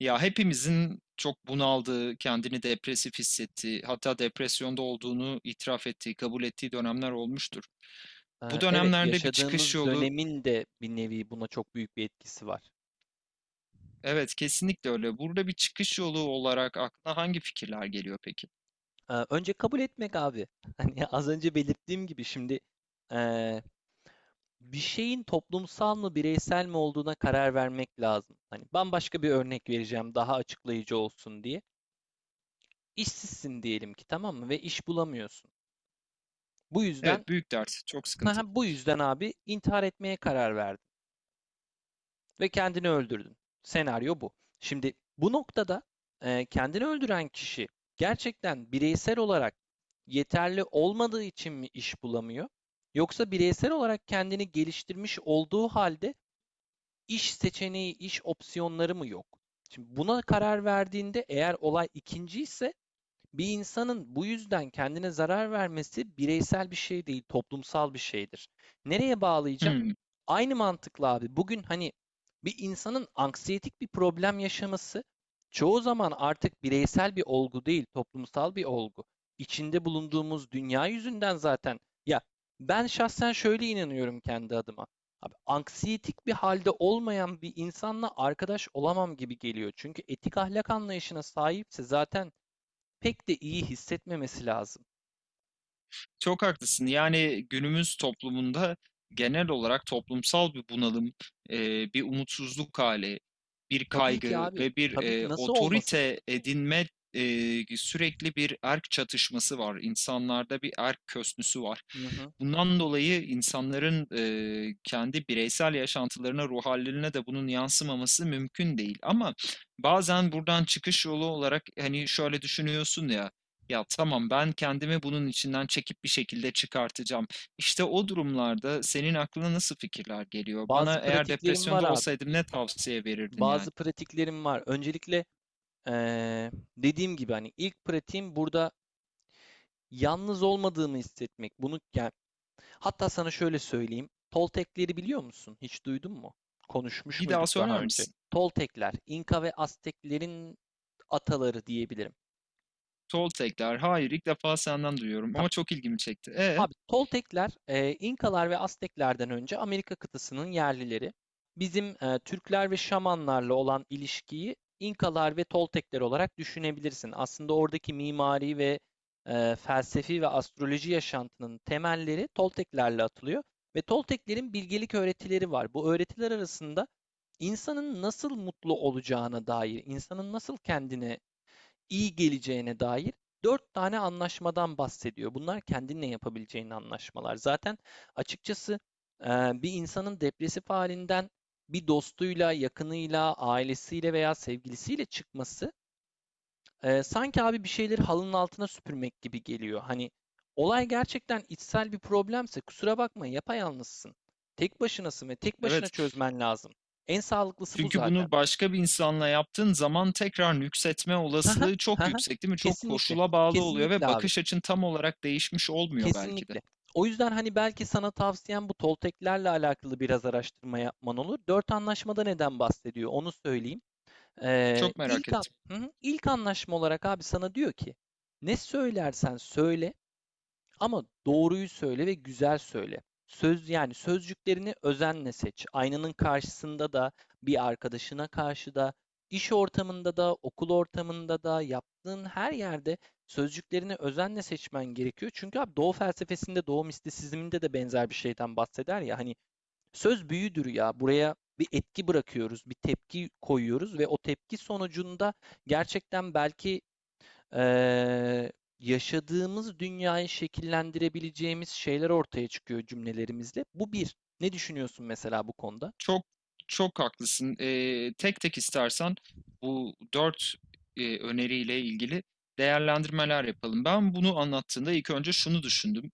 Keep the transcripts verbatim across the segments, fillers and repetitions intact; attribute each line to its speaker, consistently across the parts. Speaker 1: Ya hepimizin çok bunaldığı, kendini depresif hissettiği, hatta depresyonda olduğunu itiraf ettiği, kabul ettiği dönemler olmuştur. Bu
Speaker 2: Eee, evet,
Speaker 1: dönemlerde bir çıkış
Speaker 2: yaşadığımız
Speaker 1: yolu,
Speaker 2: dönemin de bir nevi buna çok büyük bir etkisi var.
Speaker 1: evet kesinlikle öyle. Burada bir çıkış yolu olarak aklına hangi fikirler geliyor peki?
Speaker 2: Eee, önce kabul etmek abi. Hani az önce belirttiğim gibi şimdi eee, bir şeyin toplumsal mı bireysel mi olduğuna karar vermek lazım. Hani bambaşka bir örnek vereceğim daha açıklayıcı olsun diye. İşsizsin diyelim ki, tamam mı, ve iş bulamıyorsun. Bu yüzden
Speaker 1: Evet, büyük dert, çok sıkıntı.
Speaker 2: bu yüzden abi intihar etmeye karar verdin ve kendini öldürdün. Senaryo bu. Şimdi bu noktada e, kendini öldüren kişi gerçekten bireysel olarak yeterli olmadığı için mi iş bulamıyor? Yoksa bireysel olarak kendini geliştirmiş olduğu halde iş seçeneği, iş opsiyonları mı yok? Şimdi buna karar verdiğinde, eğer olay ikinci ise, bir insanın bu yüzden kendine zarar vermesi bireysel bir şey değil, toplumsal bir şeydir. Nereye bağlayacağım?
Speaker 1: Hmm.
Speaker 2: Aynı mantıkla abi. Bugün hani bir insanın anksiyetik bir problem yaşaması çoğu zaman artık bireysel bir olgu değil, toplumsal bir olgu. İçinde bulunduğumuz dünya yüzünden zaten. Ya, ben şahsen şöyle inanıyorum kendi adıma. Abi, anksiyetik bir halde olmayan bir insanla arkadaş olamam gibi geliyor. Çünkü etik ahlak anlayışına sahipse zaten pek de iyi hissetmemesi lazım.
Speaker 1: Çok haklısın. Yani günümüz toplumunda genel olarak toplumsal bir bunalım, eee, bir umutsuzluk hali, bir
Speaker 2: Tabii ki
Speaker 1: kaygı
Speaker 2: abi.
Speaker 1: ve bir
Speaker 2: Tabii ki,
Speaker 1: eee,
Speaker 2: nasıl olmasın?
Speaker 1: otorite edinme, eee, sürekli bir erk çatışması var. İnsanlarda bir erk kösnüsü var.
Speaker 2: Hı hı.
Speaker 1: Bundan dolayı insanların eee, kendi bireysel yaşantılarına, ruh hallerine de bunun yansımaması mümkün değil. Ama bazen buradan çıkış yolu olarak hani şöyle düşünüyorsun ya. Ya tamam, ben kendimi bunun içinden çekip bir şekilde çıkartacağım. İşte o durumlarda senin aklına nasıl fikirler geliyor?
Speaker 2: Bazı
Speaker 1: Bana eğer
Speaker 2: pratiklerim var
Speaker 1: depresyonda
Speaker 2: abi.
Speaker 1: olsaydım ne tavsiye verirdin yani?
Speaker 2: Bazı pratiklerim var. Öncelikle eee, dediğim gibi hani ilk pratiğim burada yalnız olmadığımı hissetmek. Bunu yani, hatta sana şöyle söyleyeyim. Toltekleri biliyor musun? Hiç duydun mu? Konuşmuş
Speaker 1: Bir daha
Speaker 2: muyduk
Speaker 1: söyler
Speaker 2: daha önce?
Speaker 1: misin?
Speaker 2: Toltekler, İnka ve Azteklerin ataları diyebilirim.
Speaker 1: Toltekler. Hayır, ilk defa senden duyuyorum ama
Speaker 2: Tamam.
Speaker 1: çok ilgimi çekti. E,
Speaker 2: Abi Toltekler, e, İnkalar ve Azteklerden önce Amerika kıtasının yerlileri. Bizim e, Türkler ve Şamanlarla olan ilişkiyi İnkalar ve Toltekler olarak düşünebilirsin. Aslında oradaki mimari ve e, felsefi ve astroloji yaşantının temelleri Tolteklerle atılıyor ve Tolteklerin bilgelik öğretileri var. Bu öğretiler arasında insanın nasıl mutlu olacağına dair, insanın nasıl kendine iyi geleceğine dair dört tane anlaşmadan bahsediyor. Bunlar kendinle yapabileceğin anlaşmalar. Zaten açıkçası e, bir insanın depresif halinden bir dostuyla, yakınıyla, ailesiyle veya sevgilisiyle çıkması, e, sanki abi bir şeyleri halının altına süpürmek gibi geliyor. Hani olay gerçekten içsel bir problemse, kusura bakma, yapayalnızsın. Tek başınasın ve tek başına
Speaker 1: evet.
Speaker 2: çözmen lazım. En sağlıklısı bu
Speaker 1: Çünkü
Speaker 2: zaten.
Speaker 1: bunu başka bir insanla yaptığın zaman tekrar nüksetme
Speaker 2: Haha,
Speaker 1: olasılığı çok
Speaker 2: haha.
Speaker 1: yüksek, değil mi? Çok
Speaker 2: Kesinlikle.
Speaker 1: koşula bağlı oluyor
Speaker 2: Kesinlikle
Speaker 1: ve
Speaker 2: abi.
Speaker 1: bakış açın tam olarak değişmiş olmuyor belki de.
Speaker 2: Kesinlikle. O yüzden hani belki sana tavsiyem bu Tolteklerle alakalı biraz araştırma yapman olur. Dört anlaşmada neden bahsediyor onu söyleyeyim. Ee,
Speaker 1: Çok merak
Speaker 2: ilk, an-
Speaker 1: ettim.
Speaker 2: Hı hı. ilk anlaşma olarak abi sana diyor ki, ne söylersen söyle ama doğruyu söyle ve güzel söyle. Söz, yani sözcüklerini özenle seç. Aynanın karşısında da, bir arkadaşına karşı da, iş ortamında da, okul ortamında da, yaptığın her yerde sözcüklerini özenle seçmen gerekiyor. Çünkü abi Doğu felsefesinde, Doğu mistisizminde de benzer bir şeyden bahseder ya. Hani söz büyüdür ya. Buraya bir etki bırakıyoruz, bir tepki koyuyoruz ve o tepki sonucunda gerçekten belki eee, yaşadığımız dünyayı şekillendirebileceğimiz şeyler ortaya çıkıyor cümlelerimizle. Bu bir. Ne düşünüyorsun mesela bu konuda?
Speaker 1: Çok çok haklısın. Eee, tek tek istersen bu dört eee, öneriyle ilgili değerlendirmeler yapalım. Ben bunu anlattığında ilk önce şunu düşündüm.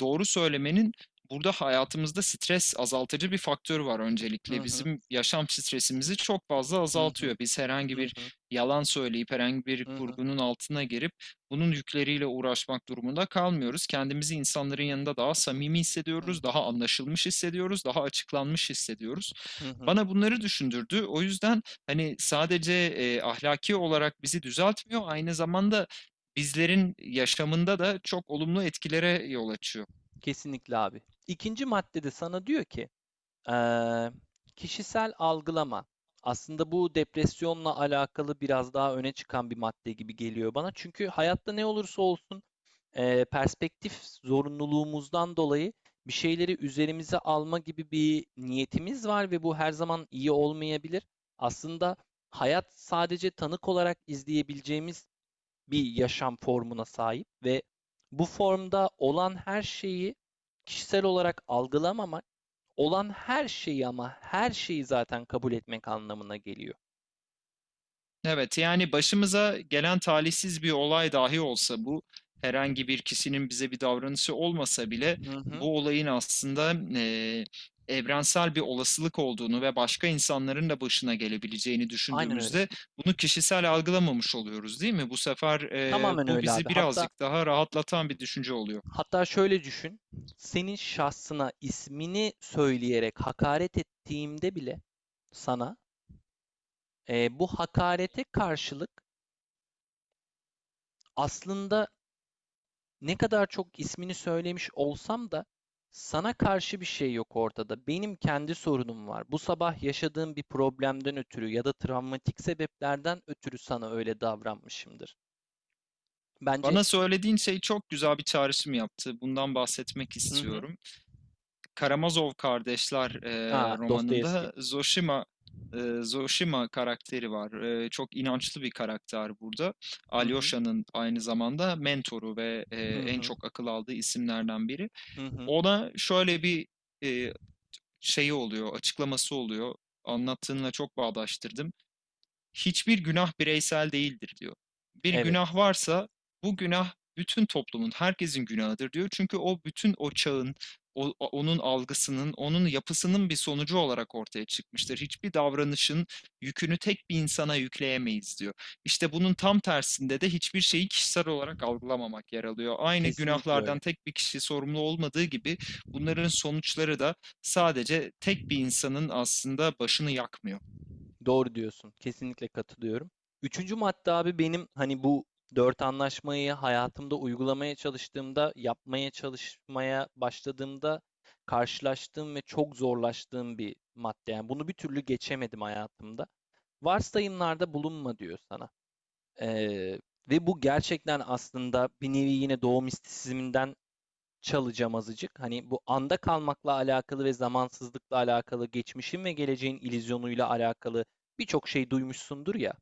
Speaker 1: Doğru söylemenin burada hayatımızda stres azaltıcı bir faktörü var
Speaker 2: Hı
Speaker 1: öncelikle.
Speaker 2: hı,
Speaker 1: Bizim yaşam stresimizi çok fazla
Speaker 2: hı hı,
Speaker 1: azaltıyor. Biz herhangi
Speaker 2: hı hı,
Speaker 1: bir yalan söyleyip herhangi bir
Speaker 2: hı hı,
Speaker 1: kurgunun altına girip bunun yükleriyle uğraşmak durumunda kalmıyoruz. Kendimizi insanların yanında daha samimi
Speaker 2: hı
Speaker 1: hissediyoruz,
Speaker 2: hı,
Speaker 1: daha anlaşılmış hissediyoruz, daha açıklanmış hissediyoruz.
Speaker 2: hı hı.
Speaker 1: Bana bunları düşündürdü. O yüzden hani sadece e, ahlaki olarak bizi düzeltmiyor, aynı zamanda bizlerin yaşamında da çok olumlu etkilere yol açıyor.
Speaker 2: Kesinlikle abi. İkinci maddede sana diyor ki, Eee, kişisel algılama. Aslında bu depresyonla alakalı biraz daha öne çıkan bir madde gibi geliyor bana. Çünkü hayatta ne olursa olsun, eee, perspektif zorunluluğumuzdan dolayı bir şeyleri üzerimize alma gibi bir niyetimiz var ve bu her zaman iyi olmayabilir. Aslında hayat sadece tanık olarak izleyebileceğimiz bir yaşam formuna sahip ve bu formda olan her şeyi kişisel olarak algılamamak, olan her şeyi, ama her şeyi, zaten kabul etmek anlamına geliyor.
Speaker 1: Evet, yani başımıza gelen talihsiz bir olay dahi olsa bu, herhangi bir kişinin bize bir davranışı olmasa bile
Speaker 2: Hı hı.
Speaker 1: bu olayın aslında eee, evrensel bir olasılık olduğunu ve başka insanların da başına gelebileceğini
Speaker 2: Aynen öyle.
Speaker 1: düşündüğümüzde bunu kişisel algılamamış oluyoruz değil mi? Bu sefer eee,
Speaker 2: Tamamen
Speaker 1: bu
Speaker 2: öyle abi.
Speaker 1: bizi
Speaker 2: Hatta
Speaker 1: birazcık daha rahatlatan bir düşünce oluyor.
Speaker 2: hatta şöyle düşün. Senin şahsına ismini söyleyerek hakaret ettiğimde bile sana, e, bu hakarete karşılık, aslında ne kadar çok ismini söylemiş olsam da sana karşı bir şey yok ortada. Benim kendi sorunum var. Bu sabah yaşadığım bir problemden ötürü ya da travmatik sebeplerden ötürü sana öyle davranmışımdır. Bence
Speaker 1: Bana söylediğin şey çok güzel bir çağrışım yaptı. Bundan bahsetmek
Speaker 2: hı hı.
Speaker 1: istiyorum. Karamazov Kardeşler e,
Speaker 2: Aa, Dostoyevski.
Speaker 1: romanında Zoshima e, Zoshima karakteri var. E, çok inançlı bir karakter burada.
Speaker 2: Hı hı.
Speaker 1: Alyosha'nın aynı zamanda mentoru ve e,
Speaker 2: Hı
Speaker 1: en
Speaker 2: hı.
Speaker 1: çok akıl aldığı isimlerden biri.
Speaker 2: Hı hı.
Speaker 1: Ona şöyle bir e, şeyi oluyor, açıklaması oluyor. Anlattığınla çok bağdaştırdım, hiçbir günah bireysel değildir diyor. Bir
Speaker 2: Evet.
Speaker 1: günah varsa bu günah bütün toplumun, herkesin günahıdır diyor. Çünkü o bütün o çağın, o- onun algısının, onun yapısının bir sonucu olarak ortaya çıkmıştır. Hiçbir davranışın yükünü tek bir insana yükleyemeyiz diyor. İşte bunun tam tersinde de hiçbir şeyi kişisel olarak algılamamak yer alıyor. Aynı
Speaker 2: Kesinlikle
Speaker 1: günahlardan
Speaker 2: öyle.
Speaker 1: tek bir kişi sorumlu olmadığı gibi bunların sonuçları da sadece tek bir insanın aslında başını yakmıyor.
Speaker 2: Doğru diyorsun. Kesinlikle katılıyorum. Üçüncü madde abi, benim hani bu dört anlaşmayı hayatımda uygulamaya çalıştığımda, yapmaya çalışmaya başladığımda karşılaştığım ve çok zorlaştığım bir madde. Yani bunu bir türlü geçemedim hayatımda. Varsayımlarda bulunma diyor sana. Ee, Ve bu gerçekten aslında bir nevi yine doğu mistisizminden çalacağım azıcık. Hani bu anda kalmakla alakalı ve zamansızlıkla alakalı, geçmişin ve geleceğin illüzyonuyla alakalı birçok şey duymuşsundur ya,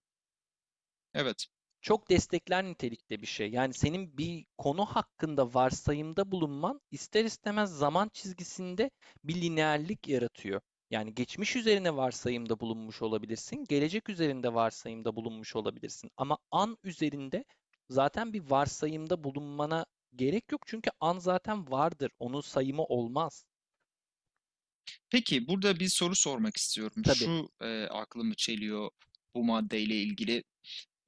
Speaker 1: Evet.
Speaker 2: çok destekler nitelikte bir şey. Yani senin bir konu hakkında varsayımda bulunman, ister istemez zaman çizgisinde bir lineerlik yaratıyor. Yani geçmiş üzerine varsayımda bulunmuş olabilirsin, gelecek üzerinde varsayımda bulunmuş olabilirsin. Ama an üzerinde zaten bir varsayımda bulunmana gerek yok, çünkü an zaten vardır. Onun sayımı olmaz.
Speaker 1: Peki burada bir soru sormak istiyorum.
Speaker 2: Tabii.
Speaker 1: Şu eee, aklımı çeliyor bu maddeyle ilgili.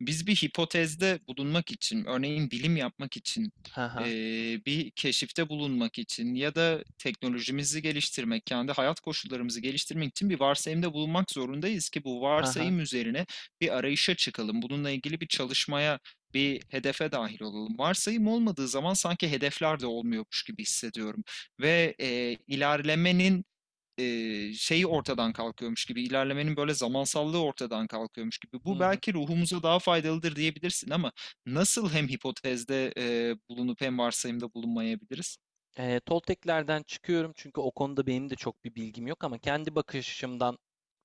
Speaker 1: Biz bir hipotezde bulunmak için, örneğin bilim yapmak için,
Speaker 2: Ha ha.
Speaker 1: eee, bir keşifte bulunmak için ya da teknolojimizi geliştirmek, kendi hayat koşullarımızı geliştirmek için bir varsayımda bulunmak zorundayız ki bu
Speaker 2: Ha ha.
Speaker 1: varsayım üzerine bir arayışa çıkalım. Bununla ilgili bir çalışmaya, bir hedefe dahil olalım. Varsayım olmadığı zaman sanki hedefler de olmuyormuş gibi hissediyorum ve, eee, ilerlemenin eee, şeyi ortadan kalkıyormuş gibi, ilerlemenin böyle zamansallığı ortadan kalkıyormuş gibi.
Speaker 2: Hı
Speaker 1: Bu
Speaker 2: hı.
Speaker 1: belki ruhumuza daha faydalıdır diyebilirsin ama nasıl hem hipotezde eee, bulunup hem varsayımda bulunmayabiliriz?
Speaker 2: Eee, Tolteklerden çıkıyorum, çünkü o konuda benim de çok bir bilgim yok, ama kendi bakış açımdan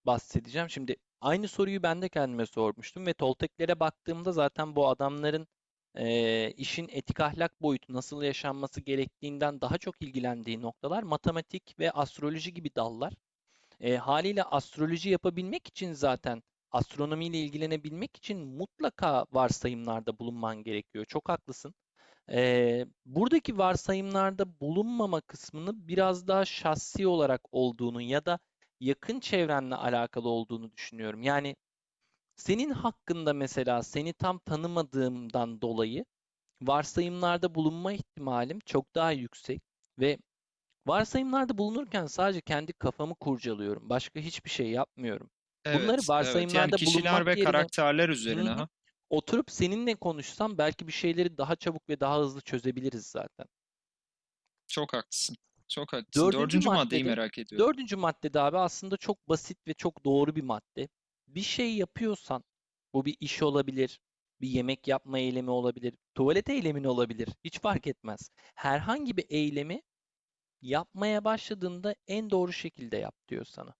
Speaker 2: bahsedeceğim. Şimdi aynı soruyu ben de kendime sormuştum ve Tolteklere baktığımda zaten bu adamların, eee, işin etik ahlak boyutu nasıl yaşanması gerektiğinden daha çok ilgilendiği noktalar matematik ve astroloji gibi dallar. Eee, haliyle astroloji yapabilmek için, zaten astronomiyle ilgilenebilmek için mutlaka varsayımlarda bulunman gerekiyor. Çok haklısın. Ee, buradaki varsayımlarda bulunmama kısmını biraz daha şahsi olarak olduğunu ya da yakın çevrenle alakalı olduğunu düşünüyorum. Yani senin hakkında mesela, seni tam tanımadığımdan dolayı varsayımlarda bulunma ihtimalim çok daha yüksek ve varsayımlarda bulunurken sadece kendi kafamı kurcalıyorum. Başka hiçbir şey yapmıyorum. Bunları
Speaker 1: Evet, evet. Yani
Speaker 2: varsayımlarda bulunmak
Speaker 1: kişiler ve
Speaker 2: yerine
Speaker 1: karakterler
Speaker 2: hı
Speaker 1: üzerine,
Speaker 2: hı,
Speaker 1: ha.
Speaker 2: oturup seninle konuşsam belki bir şeyleri daha çabuk ve daha hızlı çözebiliriz zaten.
Speaker 1: Çok haklısın. Çok haklısın.
Speaker 2: Dördüncü
Speaker 1: Dördüncü maddeyi
Speaker 2: maddede,
Speaker 1: merak ediyorum.
Speaker 2: dördüncü maddede abi aslında çok basit ve çok doğru bir madde. Bir şey yapıyorsan, bu bir iş olabilir, bir yemek yapma eylemi olabilir, tuvalet eylemin olabilir, hiç fark etmez. Herhangi bir eylemi yapmaya başladığında en doğru şekilde yap diyor sana.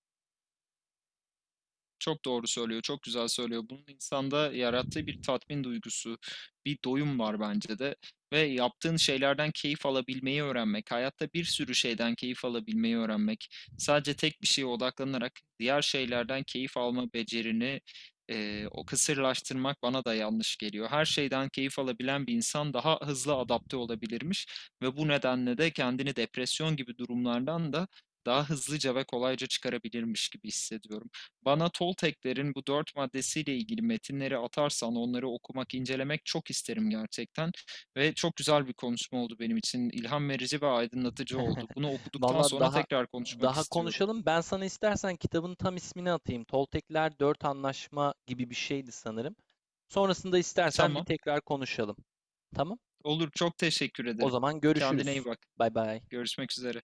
Speaker 1: Çok doğru söylüyor, çok güzel söylüyor. Bunun insanda yarattığı bir tatmin duygusu, bir doyum var bence de. Ve yaptığın şeylerden keyif alabilmeyi öğrenmek, hayatta bir sürü şeyden keyif alabilmeyi öğrenmek, sadece tek bir şeye odaklanarak diğer şeylerden keyif alma becerini eee, o kısırlaştırmak bana da yanlış geliyor. Her şeyden keyif alabilen bir insan daha hızlı adapte olabilirmiş ve bu nedenle de kendini depresyon gibi durumlardan da daha hızlıca ve kolayca çıkarabilirmiş gibi hissediyorum. Bana Tolteklerin bu dört maddesiyle ilgili metinleri atarsan onları okumak, incelemek çok isterim gerçekten. Ve çok güzel bir konuşma oldu benim için. İlham verici ve aydınlatıcı oldu. Bunu okuduktan
Speaker 2: Valla
Speaker 1: sonra
Speaker 2: daha
Speaker 1: tekrar konuşmak
Speaker 2: daha
Speaker 1: istiyorum.
Speaker 2: konuşalım. Ben sana istersen kitabın tam ismini atayım. Toltekler Dört Anlaşma gibi bir şeydi sanırım. Sonrasında istersen bir
Speaker 1: Tamam.
Speaker 2: tekrar konuşalım. Tamam?
Speaker 1: Olur. Çok teşekkür
Speaker 2: O
Speaker 1: ederim.
Speaker 2: zaman
Speaker 1: Kendine iyi
Speaker 2: görüşürüz.
Speaker 1: bak.
Speaker 2: Bay bay.
Speaker 1: Görüşmek üzere.